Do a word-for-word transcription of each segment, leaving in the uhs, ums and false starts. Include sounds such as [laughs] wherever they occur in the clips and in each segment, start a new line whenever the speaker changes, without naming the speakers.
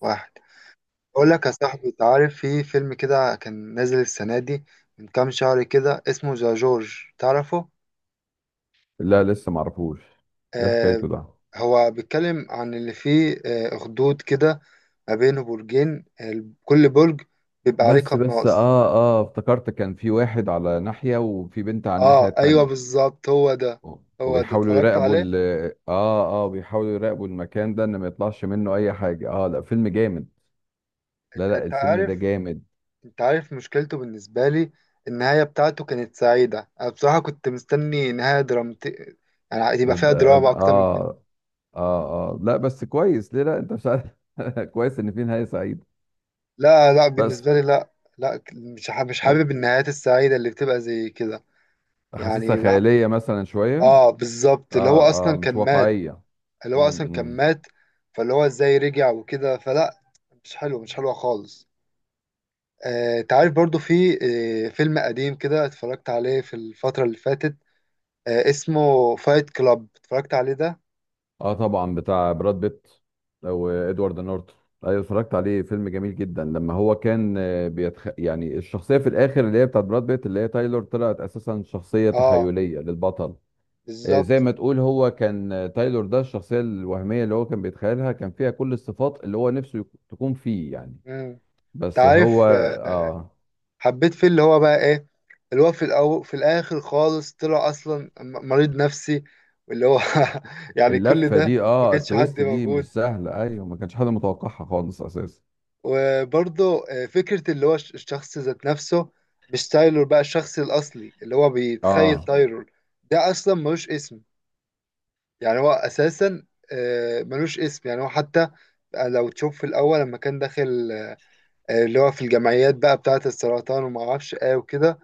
واحد، اقول لك يا صاحبي، انت عارف في فيلم كده كان نازل السنه دي من كام شهر كده اسمه ذا جورج؟ تعرفه؟
لا لسه معرفوش. ايه
آه
حكايته ده؟
هو بيتكلم عن اللي فيه آه اخدود كده ما بينه برجين، آه كل برج بيبقى عليه
بس بس
قناص.
اه اه افتكرت كان في واحد على ناحية وفي بنت على الناحية
اه ايوه
التانية.
بالظبط، هو ده.
و-
هو ده،
وبيحاولوا
اتفرجت
يراقبوا
عليه.
ال اه اه بيحاولوا يراقبوا المكان ده ان ما يطلعش منه اي حاجة. اه لا، فيلم جامد. لا
انت
لا
انت
الفيلم ده
عارف،
جامد.
انت عارف مشكلته بالنسبه لي؟ النهايه بتاعته كانت سعيده، انا بصراحه كنت مستني نهايه درامتي، يعني يبقى فيها دراما اكتر من...
اه اه اه لا بس كويس، ليه؟ لا انت مش عارف. [laughs] كويس ان في نهاية سعيدة،
لا لا، بالنسبة
بس
لي لا. لا، مش ح- مش
آه،
حابب النهايات السعيدة اللي بتبقى زي كده.
حاسسها
يعني بح-
خيالية مثلا شوية.
اه بالظبط، اللي هو
اه اه
اصلا
مش
كان مات.
واقعية.
اللي
م-
هو اصلا كان
م.
مات، فاللي هو ازاي رجع وكده؟ فلا، مش حلو، مش حلوة خالص. آه، انت عارف برضو في آه فيلم قديم كده اتفرجت عليه في الفترة اللي فاتت، آه اسمه فايت كلاب. اتفرجت عليه ده؟
اه طبعا، بتاع براد بيت او ادوارد نورتون. ايوه اتفرجت عليه، فيلم جميل جدا. لما هو كان آه، بيتخ... يعني الشخصيه في الاخر اللي هي بتاعت براد بيت، اللي هي تايلور، طلعت اساسا شخصيه
اه
تخيليه للبطل. آه، زي
بالظبط.
ما تقول، هو كان آه، تايلور ده الشخصيه الوهميه اللي هو كان بيتخيلها، كان فيها كل الصفات اللي هو نفسه يك- تكون فيه يعني.
امم، انت
بس هو
عارف
اه
حبيت فيه اللي هو بقى ايه؟ اللي هو في الأو... في الاخر خالص طلع اصلا م- مريض نفسي. واللي هو [laughs] يعني كل
اللفه
ده.
دي،
ما
اه
كانش حد
التويست دي
موجود.
مش سهله. ايوه، ما كانش حد متوقعها خالص اساسا.
وبرضه آه، فكرة اللي هو الش- الشخص ذات نفسه، مش تايلور بقى، الشخص الأصلي اللي هو بيتخيل
اه
تايلور، ده أصلا ملوش اسم. يعني هو أساسا آه، ملوش اسم، يعني هو حتى آه، لو تشوف في الأول لما كان داخل، آه، آه، اللي هو في الجمعيات بقى بتاعة السرطان وما اعرفش ايه وكده،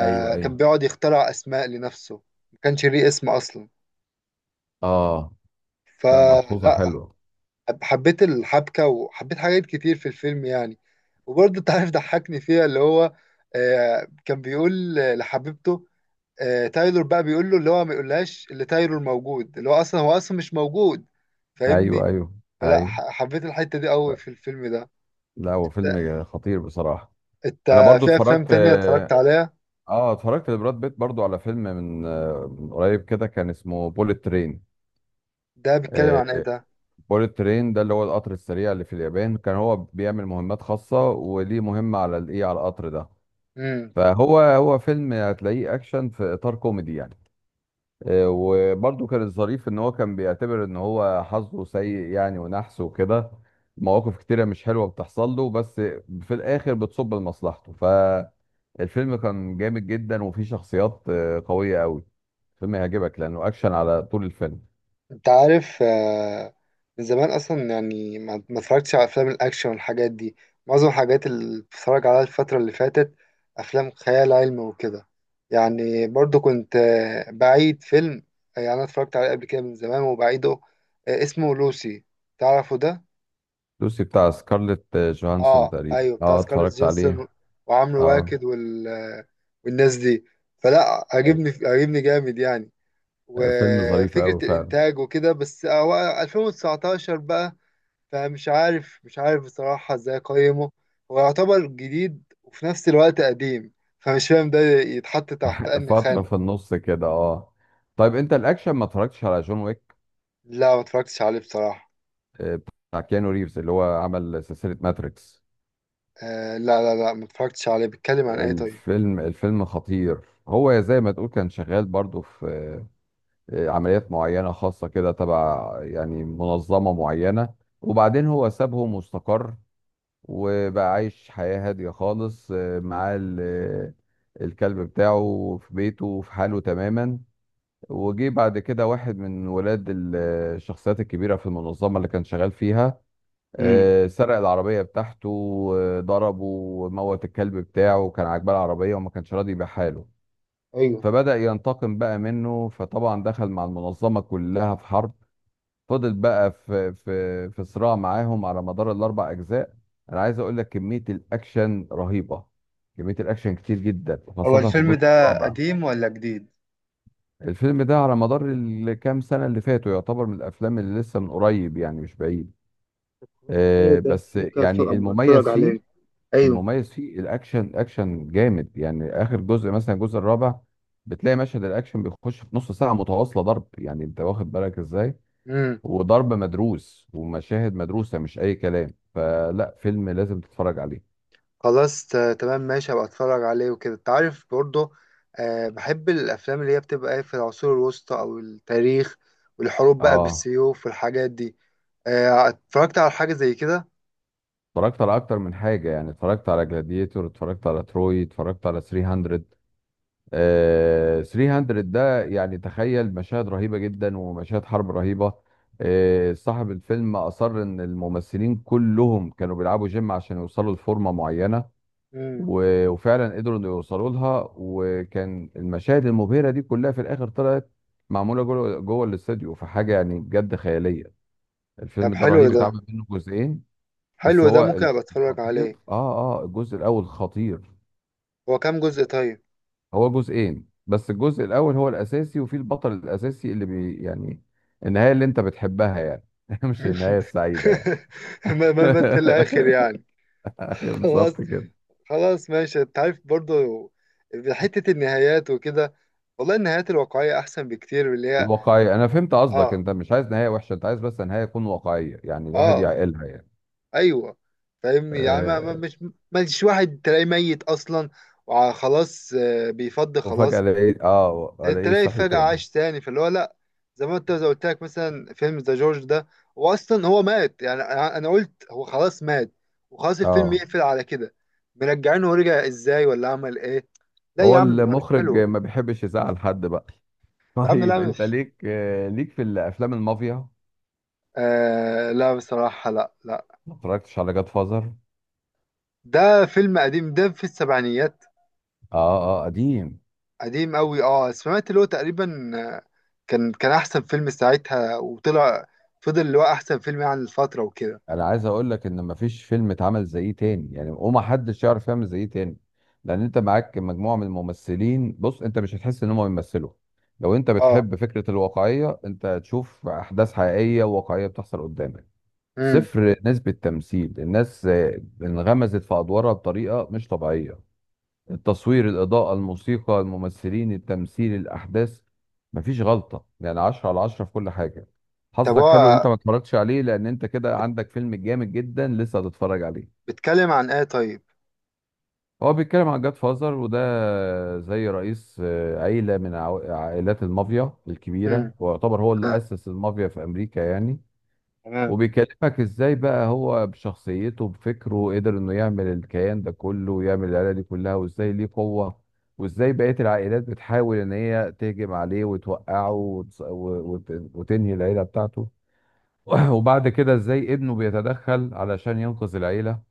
ايوه ايوه
كان بيقعد يخترع اسماء لنفسه، ما كانش ليه اسم اصلا.
اه. لا، ملحوظه
فلا،
حلوه.
حب- حبيت الحبكة وحبيت حاجات كتير في الفيلم يعني. وبرضه انت عارف ضحكني فيها اللي هو آه، كان بيقول لحبيبته، آه، تايلور بقى بيقول له اللي هو ما يقولهاش اللي تايلور موجود، اللي هو اصلا هو اصلا مش موجود،
ايوه
فاهمني؟
ايوه
فلا،
ايوه.
ح- حبيت الحتة دي قوي في الفيلم ده.
لا، هو فيلم خطير بصراحه.
انت،
انا برضو
في افلام
اتفرجت.
تانية اتفرجت
اه
عليها.
آه، اتفرجت لبراد بيت برضو على فيلم من آه، من قريب كده، كان اسمه بوليت ترين.
ده بيتكلم عن ايه
بوليت ترين ده اللي هو القطر السريع اللي في اليابان. كان هو بيعمل مهمات خاصه، وليه مهمه على الايه، على القطر ده.
ده؟
فهو هو فيلم هتلاقيه اكشن في اطار كوميدي يعني. آه، وبرضه كان الظريف ان هو كان بيعتبر ان هو حظه سيء يعني، ونحس وكده. مواقف كتيرة مش حلوة بتحصل له، بس في الاخر بتصب لمصلحته. فالفيلم كان جامد جدا، وفيه شخصيات آه، قوية قوي. الفيلم هيعجبك لانه اكشن على طول الفيلم.
انت عارف، آه، من زمان اصلا يعني ما ما اتفرجتش على افلام الاكشن والحاجات دي. معظم الحاجات اللي بتفرج عليها الفتره اللي فاتت افلام خيال علمي وكده، يعني برضو كنت آه، بعيد فيلم آه، يعني انا اتفرجت عليه قبل كده من زمان وبعيده، آه، اسمه لوسي. تعرفه ده؟
لوسي بتاع سكارليت آه، جوهانسون
اه
تقريبا،
ايوه، بتاع
اه
سكارلت
اتفرجت عليه.
جينسون وعمرو
اه
واكد وال... آه، والناس دي. فلا، عجبني،
أيوة.
عجبني جامد يعني،
آه، فيلم ظريف قوي
وفكرة
فعلا.
الإنتاج وكده. بس هو ألفين وتسعتاشر بقى، فمش عارف، مش عارف بصراحة إزاي أقيمه. هو يعتبر جديد وفي نفس الوقت قديم، فمش فاهم ده يتحط تحت
[laughs]
أنهي
فترة في
خانة.
النص كده اه. طيب انت الاكشن، ما اتفرجتش على جون ويك؟
لا، ما اتفرجتش عليه بصراحة.
آه، بتاع كيانو ريفز اللي هو عمل سلسلة ماتريكس.
آه لا لا لا، ما اتفرجتش عليه. بيتكلم عن إيه طيب؟
الفيلم الفيلم خطير. هو زي ما تقول كان شغال برضو في آه، عمليات معينة خاصة كده، تبع يعني منظمة معينة. وبعدين هو سابهم واستقر، وبقى عايش حياة هادية خالص، آه، معاه ال- آه، الكلب بتاعه في بيته وفي حاله تماما. وجي بعد كده واحد من ولاد ال- آه، الشخصيات الكبيرة في المنظمة اللي كان شغال فيها.
امم.
آه، سرق العربية بتاعته، آه، ضربه وموت الكلب بتاعه. كان عاجباه العربية وما كانش راضي يبيعها له،
ايوه.
فبدأ ينتقم بقى منه. فطبعا دخل مع المنظمة كلها في حرب. فضل بقى في في في صراع معاهم على مدار الأربع أجزاء. أنا عايز أقول لك كمية الأكشن رهيبة. كمية الأكشن كتير جدا،
هو
وخاصة في
الفيلم
الجزء
ده
الرابع.
قديم ولا جديد؟
الفيلم ده على مدار الكام سنة اللي فاتوا يعتبر من الأفلام اللي لسه من قريب يعني، مش بعيد.
حلو
آه،
ده،
بس
ممكن أتفرج،
يعني
أتفرج
المميز فيه،
عليه.
المميز فيه الاكشن. الاكشن جامد يعني. اخر جزء مثلا الجزء الرابع بتلاقي مشهد الاكشن بيخش في نص ساعه متواصله ضرب، يعني انت واخد بالك ازاي.
أيوه.
وضرب مدروس، ومشاهد مدروسه، مش اي كلام. فلا، فيلم لازم تتفرج عليه.
خلاص، ت- تمام ماشي، هبقى اتفرج عليه وكده. انت عارف برضه، آه بحب الافلام اللي هي بتبقى ايه في العصور الوسطى او التاريخ، والحروب بقى
اه
بالسيوف والحاجات دي. آه اتفرجت على حاجة زي كده.
اتفرجت على اكتر من حاجه يعني. اتفرجت على جلاديتور، اتفرجت على تروي، اتفرجت على ثلاث مية. آه، ثلاث مية ده يعني تخيل مشاهد رهيبة جدا ومشاهد حرب رهيبة. آه، صاحب الفيلم أصر إن الممثلين كلهم كانوا بيلعبوا جيم عشان يوصلوا لفورمة معينة.
امم.
و- وفعلا قدروا إنه يوصلوا لها. وكان المشاهد المبهرة دي كلها في الآخر طلعت معمولة جوه جوه الاستوديو، فحاجة يعني بجد خيالية.
طب
الفيلم ده
حلو
رهيب،
ده،
اتعمل منه جزئين. بس
حلو ده،
هو
ممكن ابقى اتفرج
الخطير،
عليه.
اه اه الجزء الأول خطير.
هو كام جزء طيب؟
هو جزئين بس، الجزء الاول هو الاساسي، وفي البطل الاساسي اللي بي يعني النهايه اللي انت بتحبها يعني. [laughs] مش النهايه
[laughs]
السعيده يعني.
ما ما ما في
[laughs]
الاخر يعني.
ايوه
خلاص،
بالظبط كده.
خلاص ماشي. انت عارف برضه، حتة النهايات وكده، والله النهايات الواقعية احسن بكتير من اللي هي...
الواقعيه، انا فهمت قصدك،
اه.
انت مش عايز نهايه وحشه، انت عايز بس نهايه تكون واقعيه يعني، الواحد
اه.
يعقلها يعني.
ايوه فاهمني، يعني ما ما-
أه.
مش، مش واحد تلاقيه ميت اصلا وخلاص، بيفض
وفجاه
خلاص،
الاقيه، اه الاقيه
تلاقي
صحي
فجأة
تاني.
عاش تاني. فاللي هو لا، زي ما انت زي قلت لك مثلا فيلم ذا جورج ده، هو اصلا هو مات يعني، انا أنا قلت هو خلاص مات وخلاص الفيلم
اه
يقفل على كده. مرجعينه، ورجع ازاي ولا عمل ايه؟ لا يا
هو
عم، مش
المخرج
حلو.
ما بيحبش يزعل حد بقى. [laughs]
يا عم
طيب
لا،
انت
مش،
ليك آه، ليك في الافلام المافيا؟
آه لا بصراحة لا لا.
ما اتفرجتش على جاد فازر؟
ده فيلم قديم، ده في السبعينيات.
اه اه قديم.
قديم قوي. اه سمعت اللي هو تقريبا كان كان احسن فيلم ساعتها، وطلع فضل اللي هو احسن فيلم يعني الفتره وكده.
انا عايز اقول لك ان مفيش فيلم اتعمل زيه تاني يعني، وما حدش يعرف يعمل زيه تاني. لان انت معاك مجموعه من الممثلين، بص انت مش هتحس ان هم بيمثلوا. لو انت
اه.
بتحب فكره الواقعيه، انت هتشوف احداث حقيقيه وواقعيه بتحصل قدامك.
امم.
صفر نسبه تمثيل. الناس آه، انغمزت في ادوارها بطريقه مش طبيعيه. التصوير، الإضاءة، الموسيقى، الممثلين، التمثيل، الأحداث، مفيش غلطة يعني. عشرة على عشرة في كل حاجة.
طب
حظك حلو إن
هو
أنت ما اتفرجتش عليه، لأن أنت كده عندك فيلم جامد جدا لسه هتتفرج عليه.
بيتكلم عن ايه طيب؟
هو بيتكلم عن جاد فازر، وده زي رئيس آه، عيلة من عو- عائلات المافيا الكبيرة،
امم.
ويعتبر هو اللي
آه.
أسس المافيا في أمريكا يعني.
تمام.
وبيكلمك ازاي بقى هو بشخصيته بفكره قدر انه يعمل الكيان ده كله، ويعمل العيله دي كلها، وازاي ليه قوه، وازاي بقيه العائلات بتحاول ان هي تهجم عليه وتوقعه وتص- و- وت- وتنهي العيله بتاعته. [clears throat] وبعد كده ازاي ابنه بيتدخل علشان ينقذ العيله.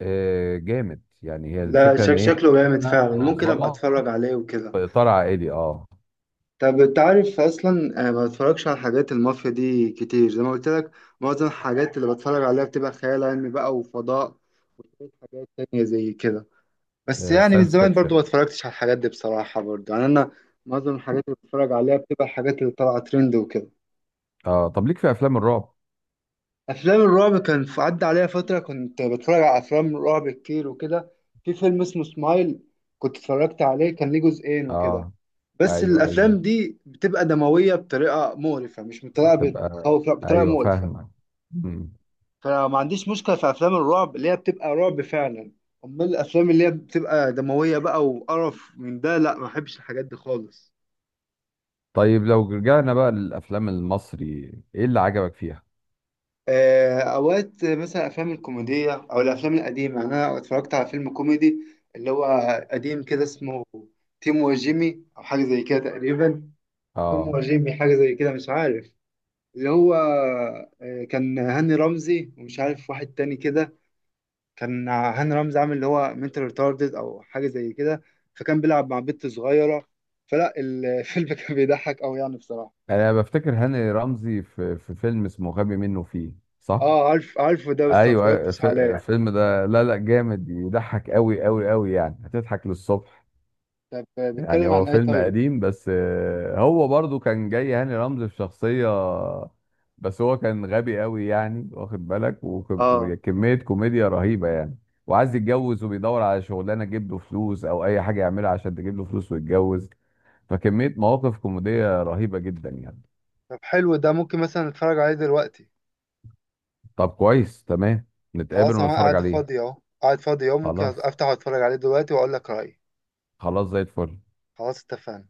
آه، جامد يعني. هي
لا
الفكره
شك
ان هي
شكله جامد
كده
فعلا، ممكن ابقى
منظمه
اتفرج عليه وكده.
في اطار عائلي. اه
طب انت عارف اصلا، آه، ما بتفرجش على حاجات المافيا دي كتير زي ما قلت لك، معظم الحاجات اللي بتفرج عليها بتبقى خيال علمي بقى وفضاء وحاجات تانية زي كده. بس يعني من
ساينس
زمان
فيكشن.
برضو ما اتفرجتش على الحاجات دي بصراحة برضو يعني أنا، معظم الحاجات اللي بتفرج عليها بتبقى الحاجات اللي طالعة ترند وكده.
اه طب ليك في افلام الرعب؟
أفلام الرعب كان في- عدى عليها فترة كنت بتفرج على أفلام رعب كتير وكده. في فيلم اسمه سمايل كنت اتفرجت عليه، كان ليه جزئين وكده.
اه
بس
ايوه ايوه
الأفلام دي بتبقى دموية بطريقة مقرفة، مش بطريقة بت-
تبقى
بتخوف، لا بطريقة
ايوه،
مقرفة.
فاهمك. مم.
فما عنديش مشكلة في أفلام الرعب اللي هي بتبقى رعب فعلا، أمال الأفلام اللي هي بتبقى دموية بقى وقرف من ده لا، ما بحبش الحاجات دي خالص.
طيب لو رجعنا بقى للافلام المصري، ايه اللي عجبك فيها؟
آه، اوقات مثلا افلام الكوميديه او الافلام القديمه، انا اتفرجت على فيلم كوميدي اللي هو قديم كده اسمه تيم وجيمي او حاجه زي كده تقريبا، توم
اه
وجيمي حاجه زي كده مش عارف، اللي هو آه، كان هاني رمزي ومش عارف واحد تاني كده. كان هاني رمزي عامل اللي هو منتال ريتاردد او حاجه زي كده، فكان بيلعب مع بنت صغيره. فلا الفيلم [laughs] كان بيضحك قوي يعني بصراحه.
انا بفتكر هاني رمزي في في فيلم اسمه غبي منه فيه، صح؟
اه عارف، عارفه ده بس ما
ايوه أيوة،
اتفرجتش
ف-
عليه.
الفيلم ده لا لا جامد، يضحك قوي قوي قوي يعني، هتضحك للصبح.
طب آه،
يعني
بيتكلم
هو
عن ايه
فيلم
طيب؟
قديم بس، آه، هو برضو كان جاي هاني رمزي في شخصية بس هو كان غبي قوي يعني، واخد بالك، وك-
اه.
وكمية كوميديا رهيبة يعني. وعايز يتجوز وبيدور على شغلانة تجيب له فلوس، أو أي حاجة يعملها عشان تجيب له فلوس ويتجوز. فكمية مواقف كوميدية رهيبة جدا يعني.
طب حلو ده، ممكن مثلا اتفرج عليه دلوقتي.
طب كويس تمام، نتقابل
خلاص انا
ونتفرج
قاعد
عليه.
فاضي اهو، قاعد فاضي اهو، ممكن
خلاص،
افتح واتفرج عليه دلوقتي واقول لك رأيي.
خلاص زي الفل.
خلاص اتفقنا.